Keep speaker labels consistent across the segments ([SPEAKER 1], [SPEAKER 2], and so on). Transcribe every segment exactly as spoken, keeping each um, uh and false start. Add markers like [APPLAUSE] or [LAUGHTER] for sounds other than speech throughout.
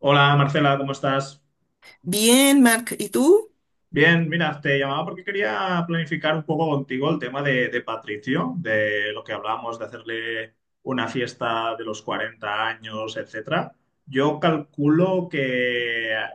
[SPEAKER 1] Hola Marcela, ¿cómo estás?
[SPEAKER 2] Bien, Mark, ¿y tú?
[SPEAKER 1] Bien, mira, te llamaba porque quería planificar un poco contigo el tema de, de Patricio, de lo que hablábamos de hacerle una fiesta de los cuarenta años, etcétera. Yo calculo que eh,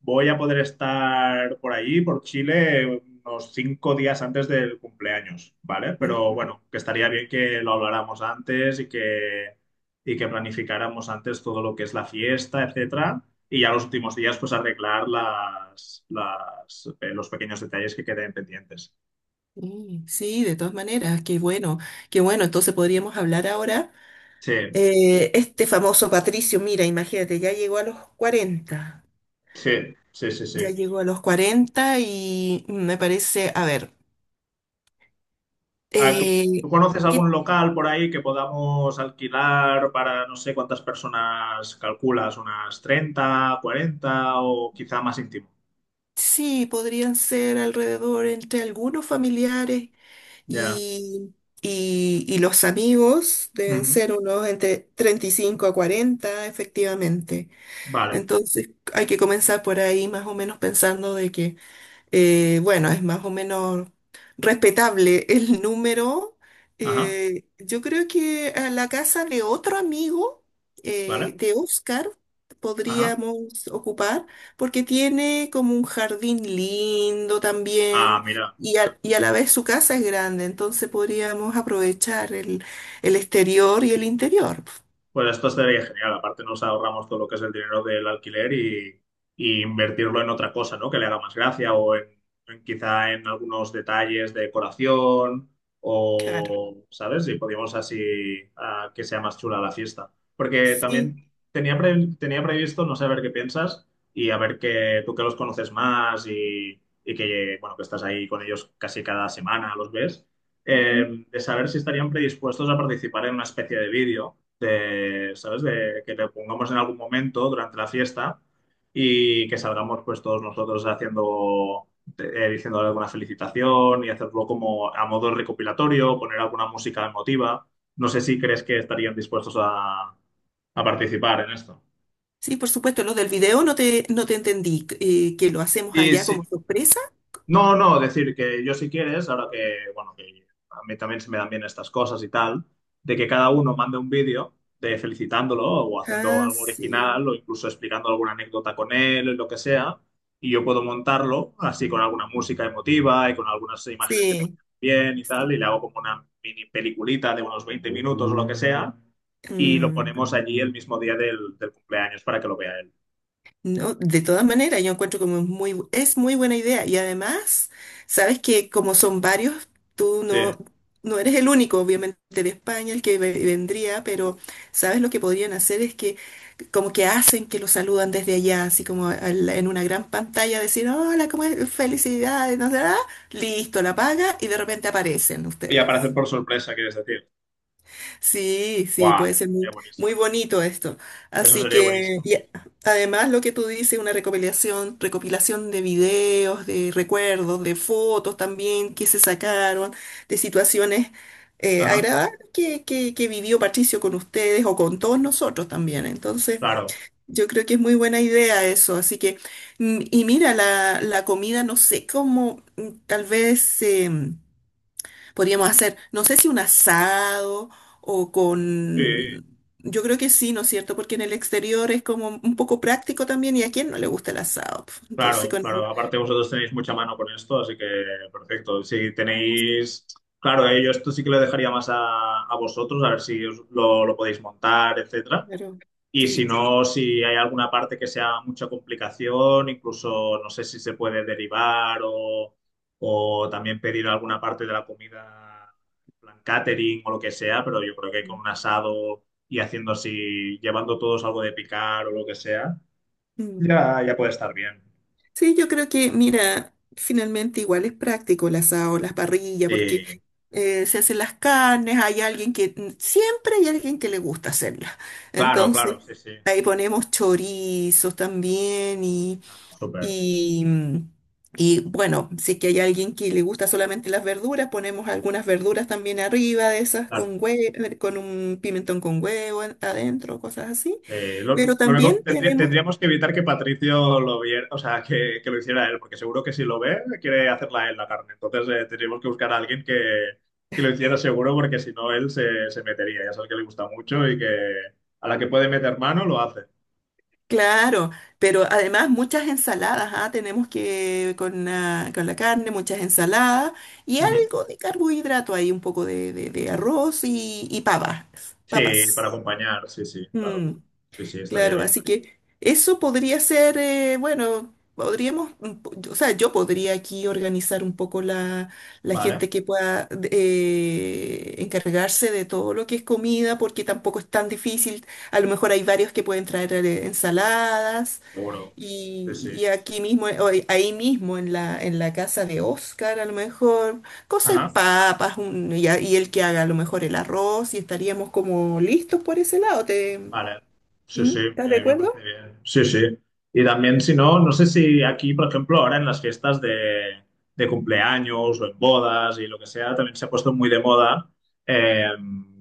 [SPEAKER 1] voy a poder estar por allí, por Chile, unos cinco días antes del cumpleaños, ¿vale? Pero
[SPEAKER 2] Mm,
[SPEAKER 1] bueno, que estaría bien que lo habláramos antes y que, y que planificáramos antes todo lo que es la fiesta, etcétera, y ya los últimos días, pues arreglar las, las, eh, los pequeños detalles que queden pendientes.
[SPEAKER 2] Sí, sí, de todas maneras, qué bueno, qué bueno. Entonces podríamos hablar ahora.
[SPEAKER 1] Sí,
[SPEAKER 2] Eh, este famoso Patricio, mira, imagínate, ya llegó a los cuarenta.
[SPEAKER 1] sí, sí, sí,
[SPEAKER 2] Ya
[SPEAKER 1] sí.
[SPEAKER 2] llegó a los cuarenta y me parece, a ver,
[SPEAKER 1] A ver, ¿tú,
[SPEAKER 2] eh,
[SPEAKER 1] ¿tú conoces algún
[SPEAKER 2] que
[SPEAKER 1] local por ahí que podamos alquilar para no sé cuántas personas calculas? ¿Unas treinta cuarenta o quizá más íntimo?
[SPEAKER 2] sí, podrían ser alrededor entre algunos familiares
[SPEAKER 1] Ya.
[SPEAKER 2] y, y, y los amigos, deben
[SPEAKER 1] Ujú.
[SPEAKER 2] ser unos entre treinta y cinco a cuarenta, efectivamente.
[SPEAKER 1] Vale.
[SPEAKER 2] Entonces hay que comenzar por ahí más o menos pensando de que, eh, bueno, es más o menos respetable el número.
[SPEAKER 1] Ajá.
[SPEAKER 2] Eh, yo creo que a la casa de otro amigo, eh,
[SPEAKER 1] Vale.
[SPEAKER 2] de Oscar,
[SPEAKER 1] Ajá.
[SPEAKER 2] podríamos ocupar, porque tiene como un jardín lindo
[SPEAKER 1] Ah,
[SPEAKER 2] también.
[SPEAKER 1] mira.
[SPEAKER 2] Y a, y a la vez su casa es grande, entonces podríamos aprovechar el, el exterior y el interior.
[SPEAKER 1] Pues esto sería genial. Aparte nos ahorramos todo lo que es el dinero del alquiler y, y invertirlo en otra cosa, ¿no? Que le haga más gracia o en, en quizá en algunos detalles de decoración
[SPEAKER 2] Claro.
[SPEAKER 1] o, ¿sabes? Y podríamos así ah, que sea más chula la fiesta. Porque
[SPEAKER 2] Sí.
[SPEAKER 1] también tenía, pre- tenía previsto, no sé, a ver qué piensas y a ver que tú que los conoces más y, y que, bueno, que estás ahí con ellos casi cada semana, los ves,
[SPEAKER 2] Ujú.
[SPEAKER 1] eh, de saber si estarían predispuestos a participar en una especie de vídeo de, ¿sabes? De que le pongamos en algún momento durante la fiesta y que salgamos pues todos nosotros haciendo, eh, diciéndole alguna felicitación y hacerlo como a modo recopilatorio, poner alguna música emotiva. No sé si crees que estarían dispuestos a, a participar en esto.
[SPEAKER 2] Sí, por supuesto, lo del video no te, no te entendí, eh, que lo hacemos
[SPEAKER 1] Sí,
[SPEAKER 2] allá como
[SPEAKER 1] sí,
[SPEAKER 2] sorpresa.
[SPEAKER 1] no, no, decir que yo si quieres, ahora que, bueno, que a mí también se me dan bien estas cosas y tal, de que cada uno mande un vídeo de felicitándolo o haciendo
[SPEAKER 2] Ah,
[SPEAKER 1] algo
[SPEAKER 2] sí,
[SPEAKER 1] original o incluso explicando alguna anécdota con él, lo que sea, y yo puedo montarlo así con alguna música emotiva y con algunas imágenes que tengo
[SPEAKER 2] sí,
[SPEAKER 1] bien y tal,
[SPEAKER 2] sí.
[SPEAKER 1] y le hago como una mini peliculita de unos veinte minutos o lo que sea, y lo
[SPEAKER 2] Mm,
[SPEAKER 1] ponemos allí el mismo día del, del cumpleaños para que lo vea él.
[SPEAKER 2] no, de todas maneras, yo encuentro como es muy, bu- es muy buena idea y además, sabes que como son varios, tú
[SPEAKER 1] Sí,
[SPEAKER 2] no, no eres el único, obviamente, de España el que ve- vendría, pero sabes lo que podrían hacer es que como que hacen que lo saludan desde allá, así como al- en una gran pantalla, decir, hola, ¿cómo es? Felicidades, no sé, ah, listo, la paga y de repente aparecen
[SPEAKER 1] y
[SPEAKER 2] ustedes.
[SPEAKER 1] aparecer por sorpresa, quieres decir.
[SPEAKER 2] Sí, sí,
[SPEAKER 1] ¡Guau!
[SPEAKER 2] puede ser muy,
[SPEAKER 1] Sería buenísimo.
[SPEAKER 2] muy bonito esto.
[SPEAKER 1] Eso
[SPEAKER 2] Así
[SPEAKER 1] sería
[SPEAKER 2] que,
[SPEAKER 1] buenísimo.
[SPEAKER 2] y además lo que tú dices, una recopilación, recopilación de videos, de recuerdos, de fotos también que se sacaron, de situaciones eh,
[SPEAKER 1] Ajá,
[SPEAKER 2] agradables que, que, que vivió Patricio con ustedes o con todos nosotros también. Entonces,
[SPEAKER 1] claro,
[SPEAKER 2] yo creo que es muy buena idea eso, así que, mm, y mira, la, la comida, no sé cómo, mm, tal vez eh, podríamos hacer, no sé si un asado o
[SPEAKER 1] sí,
[SPEAKER 2] con, yo creo que sí, ¿no es cierto? Porque en el exterior es como un poco práctico también y a quién no le gusta el asado. Pf, entonces,
[SPEAKER 1] claro,
[SPEAKER 2] con
[SPEAKER 1] claro.
[SPEAKER 2] el,
[SPEAKER 1] Aparte vosotros tenéis mucha mano con esto, así que perfecto. Si tenéis, claro, eh, yo esto sí que lo dejaría más a, a vosotros, a ver si os lo, lo podéis montar, etcétera.
[SPEAKER 2] claro,
[SPEAKER 1] Y si
[SPEAKER 2] sí.
[SPEAKER 1] no, si hay alguna parte que sea mucha complicación, incluso no sé si se puede derivar o, o también pedir alguna parte de la comida, en plan catering o lo que sea, pero yo creo que con
[SPEAKER 2] Mm.
[SPEAKER 1] un asado y haciendo así, llevando todos algo de picar o lo que sea.
[SPEAKER 2] Mm.
[SPEAKER 1] Ya, ya puede estar bien.
[SPEAKER 2] Sí, yo creo que, mira, finalmente igual es práctico el asado, las parrillas, porque
[SPEAKER 1] Sí,
[SPEAKER 2] eh, se hacen las carnes, hay alguien que, mm, siempre hay alguien que le gusta hacerlas.
[SPEAKER 1] claro,
[SPEAKER 2] Entonces,
[SPEAKER 1] claro, sí, sí.
[SPEAKER 2] ahí ponemos chorizos también y,
[SPEAKER 1] No, no, súper.
[SPEAKER 2] y, mm, y, bueno, si es que hay alguien que le gusta solamente las verduras, ponemos algunas verduras también arriba de esas
[SPEAKER 1] Claro.
[SPEAKER 2] con hue- con un pimentón con huevo en- adentro, cosas así.
[SPEAKER 1] Eh, lo,
[SPEAKER 2] Pero
[SPEAKER 1] lo único, que
[SPEAKER 2] también
[SPEAKER 1] tendría-
[SPEAKER 2] tenemos.
[SPEAKER 1] tendríamos que evitar que Patricio lo viera, o sea, que, que lo hiciera él, porque seguro que si lo ve, quiere hacerla él la carne. Entonces, eh, tendríamos que buscar a alguien que, que lo hiciera seguro, porque si no, él se, se metería. Ya sabes que le gusta mucho y que a la que puede meter mano, lo hace.
[SPEAKER 2] Claro, pero además muchas ensaladas, ah, tenemos que con la, con la carne, muchas ensaladas y
[SPEAKER 1] Ujú.
[SPEAKER 2] algo de carbohidrato ahí, un poco de, de- de arroz y, y papas,
[SPEAKER 1] Sí,
[SPEAKER 2] papas.
[SPEAKER 1] para acompañar, sí, sí, claro.
[SPEAKER 2] Mm,
[SPEAKER 1] Sí, sí, estaría
[SPEAKER 2] claro,
[SPEAKER 1] bien.
[SPEAKER 2] así que eso podría ser, eh, bueno, podríamos, mm, po- o sea, yo podría aquí organizar un poco la, la
[SPEAKER 1] Vale,
[SPEAKER 2] gente que pueda de- eh, encargarse de todo lo que es comida, porque tampoco es tan difícil. A lo mejor hay varios que pueden traer eh, ensaladas.
[SPEAKER 1] seguro. Sí,
[SPEAKER 2] Y,
[SPEAKER 1] sí.
[SPEAKER 2] y aquí mismo, o ahí ahí mismo en la, en la casa de Oscar, a lo mejor, cosas
[SPEAKER 1] Ajá.
[SPEAKER 2] papas, un- y, a- y él que haga a lo mejor el arroz, y estaríamos como listos por ese lado. ¿Te,
[SPEAKER 1] Vale, sí,
[SPEAKER 2] ¿Mm?
[SPEAKER 1] sí,
[SPEAKER 2] ¿Estás de
[SPEAKER 1] me, me
[SPEAKER 2] acuerdo?
[SPEAKER 1] parece bien. Sí, sí. Y también, si no, no sé si aquí, por ejemplo, ahora en las fiestas de, de cumpleaños o en bodas y lo que sea, también se ha puesto muy de moda eh,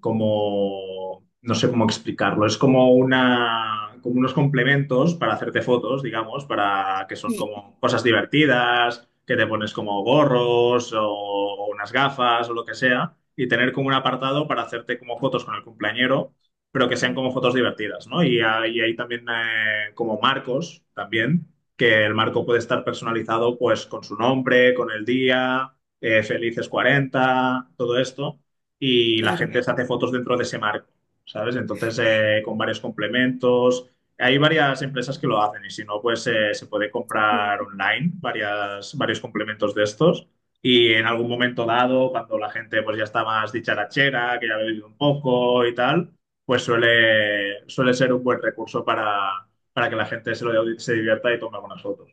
[SPEAKER 1] como, no sé cómo explicarlo, es como una, como unos complementos para hacerte fotos, digamos, para que son
[SPEAKER 2] Sí,
[SPEAKER 1] como cosas divertidas, que te pones como gorros o, o unas gafas o lo que sea, y tener como un apartado para hacerte como fotos con el cumpleañero pero que sean
[SPEAKER 2] mm,
[SPEAKER 1] como fotos divertidas, ¿no? Y, ha- y hay también eh, como marcos también, que el marco puede estar personalizado pues con su nombre, con el día, eh, felices cuarenta, todo esto, y la
[SPEAKER 2] claro.
[SPEAKER 1] gente se hace fotos dentro de ese marco, ¿sabes? Entonces, eh, con varios complementos. Hay varias empresas
[SPEAKER 2] Mm,
[SPEAKER 1] que lo hacen y si no, pues eh, se puede
[SPEAKER 2] sí,
[SPEAKER 1] comprar online varias, varios complementos de estos. Y en algún momento dado, cuando la gente pues ya está más dicharachera, que ya ha bebido un poco y tal, pues suele, suele ser un buen recurso para, para que la gente se, lo, se divierta y tome algunas fotos.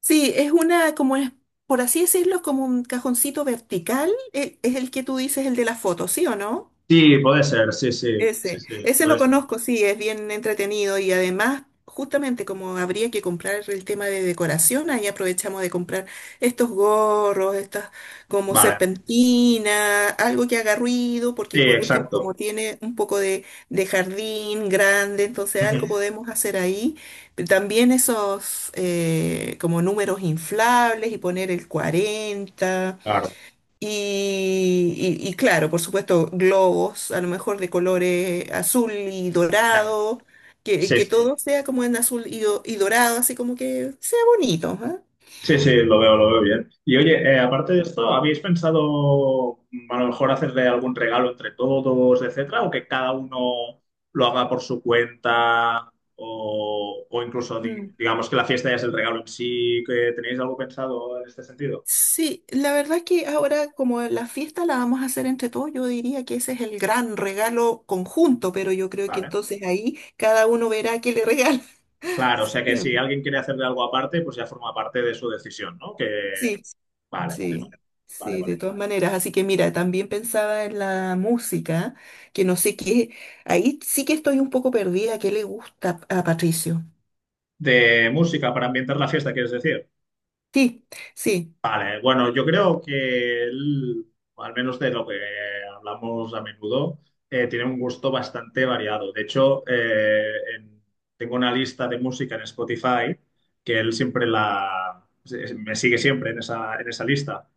[SPEAKER 2] sí, es una, como es, por así decirlo, es como un cajoncito vertical, e- es el que tú dices, el de la foto, ¿sí o no?
[SPEAKER 1] Sí, puede ser, sí, sí, sí,
[SPEAKER 2] Ese,
[SPEAKER 1] sí,
[SPEAKER 2] ese lo
[SPEAKER 1] puede ser.
[SPEAKER 2] conozco, sí, es bien entretenido y además, justamente como habría que comprar el tema de decoración, ahí aprovechamos de comprar estos gorros, estas como
[SPEAKER 1] Vale,
[SPEAKER 2] serpentina, algo que haga ruido, porque
[SPEAKER 1] sí,
[SPEAKER 2] por último,
[SPEAKER 1] exacto.
[SPEAKER 2] como tiene un poco de, de jardín grande, entonces algo
[SPEAKER 1] Ujú.
[SPEAKER 2] podemos hacer ahí. También esos eh, como números inflables y poner el cuarenta
[SPEAKER 1] Claro,
[SPEAKER 2] y, y- y claro, por supuesto, globos, a lo mejor de colores azul y
[SPEAKER 1] ya,
[SPEAKER 2] dorado, que,
[SPEAKER 1] sí,
[SPEAKER 2] que
[SPEAKER 1] sí.
[SPEAKER 2] todo sea como en azul y, do- y dorado, así como que sea bonito, ¿ah?
[SPEAKER 1] Sí, sí, lo veo, lo veo bien. Y oye, eh, aparte de esto, ¿habéis pensado mm, a lo mejor hacerle algún regalo entre todos, etcétera, o que cada uno lo haga por su cuenta, o, o incluso di-
[SPEAKER 2] Mm.
[SPEAKER 1] digamos que la fiesta ya es el regalo en sí, que tenéis algo pensado en este sentido?
[SPEAKER 2] Sí, la verdad es que ahora como la fiesta la vamos a hacer entre todos, yo diría que ese es el gran regalo conjunto, pero yo creo que
[SPEAKER 1] Vale.
[SPEAKER 2] entonces ahí cada uno verá qué le regala.
[SPEAKER 1] Claro, o sea
[SPEAKER 2] [LAUGHS]
[SPEAKER 1] que
[SPEAKER 2] ¿Sí o no?
[SPEAKER 1] si alguien quiere hacerle algo aparte, pues ya forma parte de su decisión, ¿no? Que...
[SPEAKER 2] Sí.
[SPEAKER 1] Vale, vale,
[SPEAKER 2] Sí,
[SPEAKER 1] vale. Vale,
[SPEAKER 2] sí, de
[SPEAKER 1] vale.
[SPEAKER 2] todas maneras. Así que mira, también pensaba en la música, que no sé qué, ahí sí que estoy un poco perdida, ¿qué le gusta a Patricio?
[SPEAKER 1] ¿De música para ambientar la fiesta, quieres decir?
[SPEAKER 2] Sí, sí,
[SPEAKER 1] Vale, bueno, yo creo que él, al menos de lo que hablamos a menudo, eh, tiene un gusto bastante variado. De hecho, eh, en- tengo una lista de música en Spotify que él siempre la... se- me sigue siempre en esa, en esa lista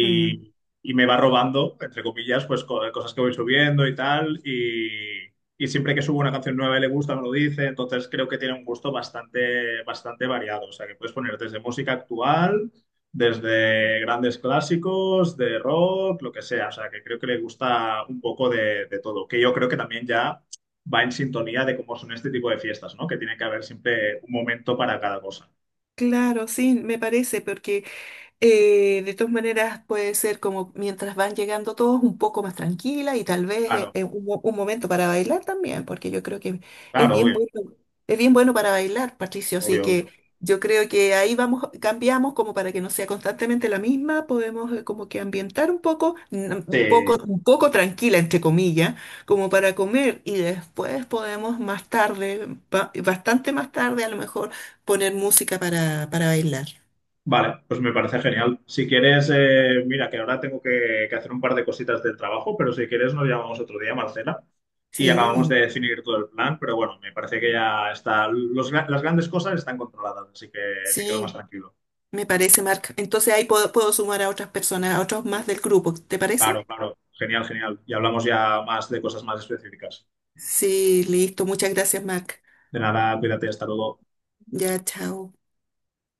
[SPEAKER 2] mm,
[SPEAKER 1] y me va robando, entre comillas, pues co- cosas que voy subiendo y tal. Y, y siempre que subo una canción nueva y le gusta, me lo dice. Entonces creo que tiene un gusto bastante, bastante variado. O sea, que puedes poner desde música actual desde grandes clásicos, de rock, lo que sea. O sea, que creo que le gusta un poco de, de todo, que yo creo que también ya va en sintonía de cómo son este tipo de fiestas, ¿no? Que tiene que haber siempre un momento para cada cosa.
[SPEAKER 2] claro, sí, me parece, porque Eh, de todas maneras, puede ser como mientras van llegando todos un poco más tranquila y tal vez eh,
[SPEAKER 1] Claro,
[SPEAKER 2] eh, un, mo- un momento para bailar también, porque yo creo que es
[SPEAKER 1] claro,
[SPEAKER 2] bien
[SPEAKER 1] obvio,
[SPEAKER 2] bueno, es bien bueno para bailar, Patricio. Así
[SPEAKER 1] obvio, obvio.
[SPEAKER 2] que yo creo que ahí vamos, cambiamos como para que no sea constantemente la misma, podemos eh, como que ambientar un poco, n- un
[SPEAKER 1] Sí.
[SPEAKER 2] poco, un poco tranquila, entre comillas, como para comer y después podemos más tarde, ba- bastante más tarde, a lo mejor poner música para, para bailar.
[SPEAKER 1] Vale, pues me parece genial. Si quieres, eh, mira, que ahora tengo que, que hacer un par de cositas del trabajo, pero si quieres nos llamamos otro día, Marcela, y acabamos de
[SPEAKER 2] Sí.
[SPEAKER 1] definir todo el plan, pero bueno, me parece que ya está, los gra- las grandes cosas están controladas, así que me quedo más
[SPEAKER 2] Sí,
[SPEAKER 1] tranquilo.
[SPEAKER 2] me parece, Marc. Entonces ahí puedo, puedo sumar a otras personas, a otros más del grupo, ¿te parece?
[SPEAKER 1] Claro, claro. Genial, genial. Y hablamos ya más de cosas más específicas.
[SPEAKER 2] Sí, listo. Muchas gracias, Marc.
[SPEAKER 1] De nada, cuídate, hasta luego.
[SPEAKER 2] Ya, chao.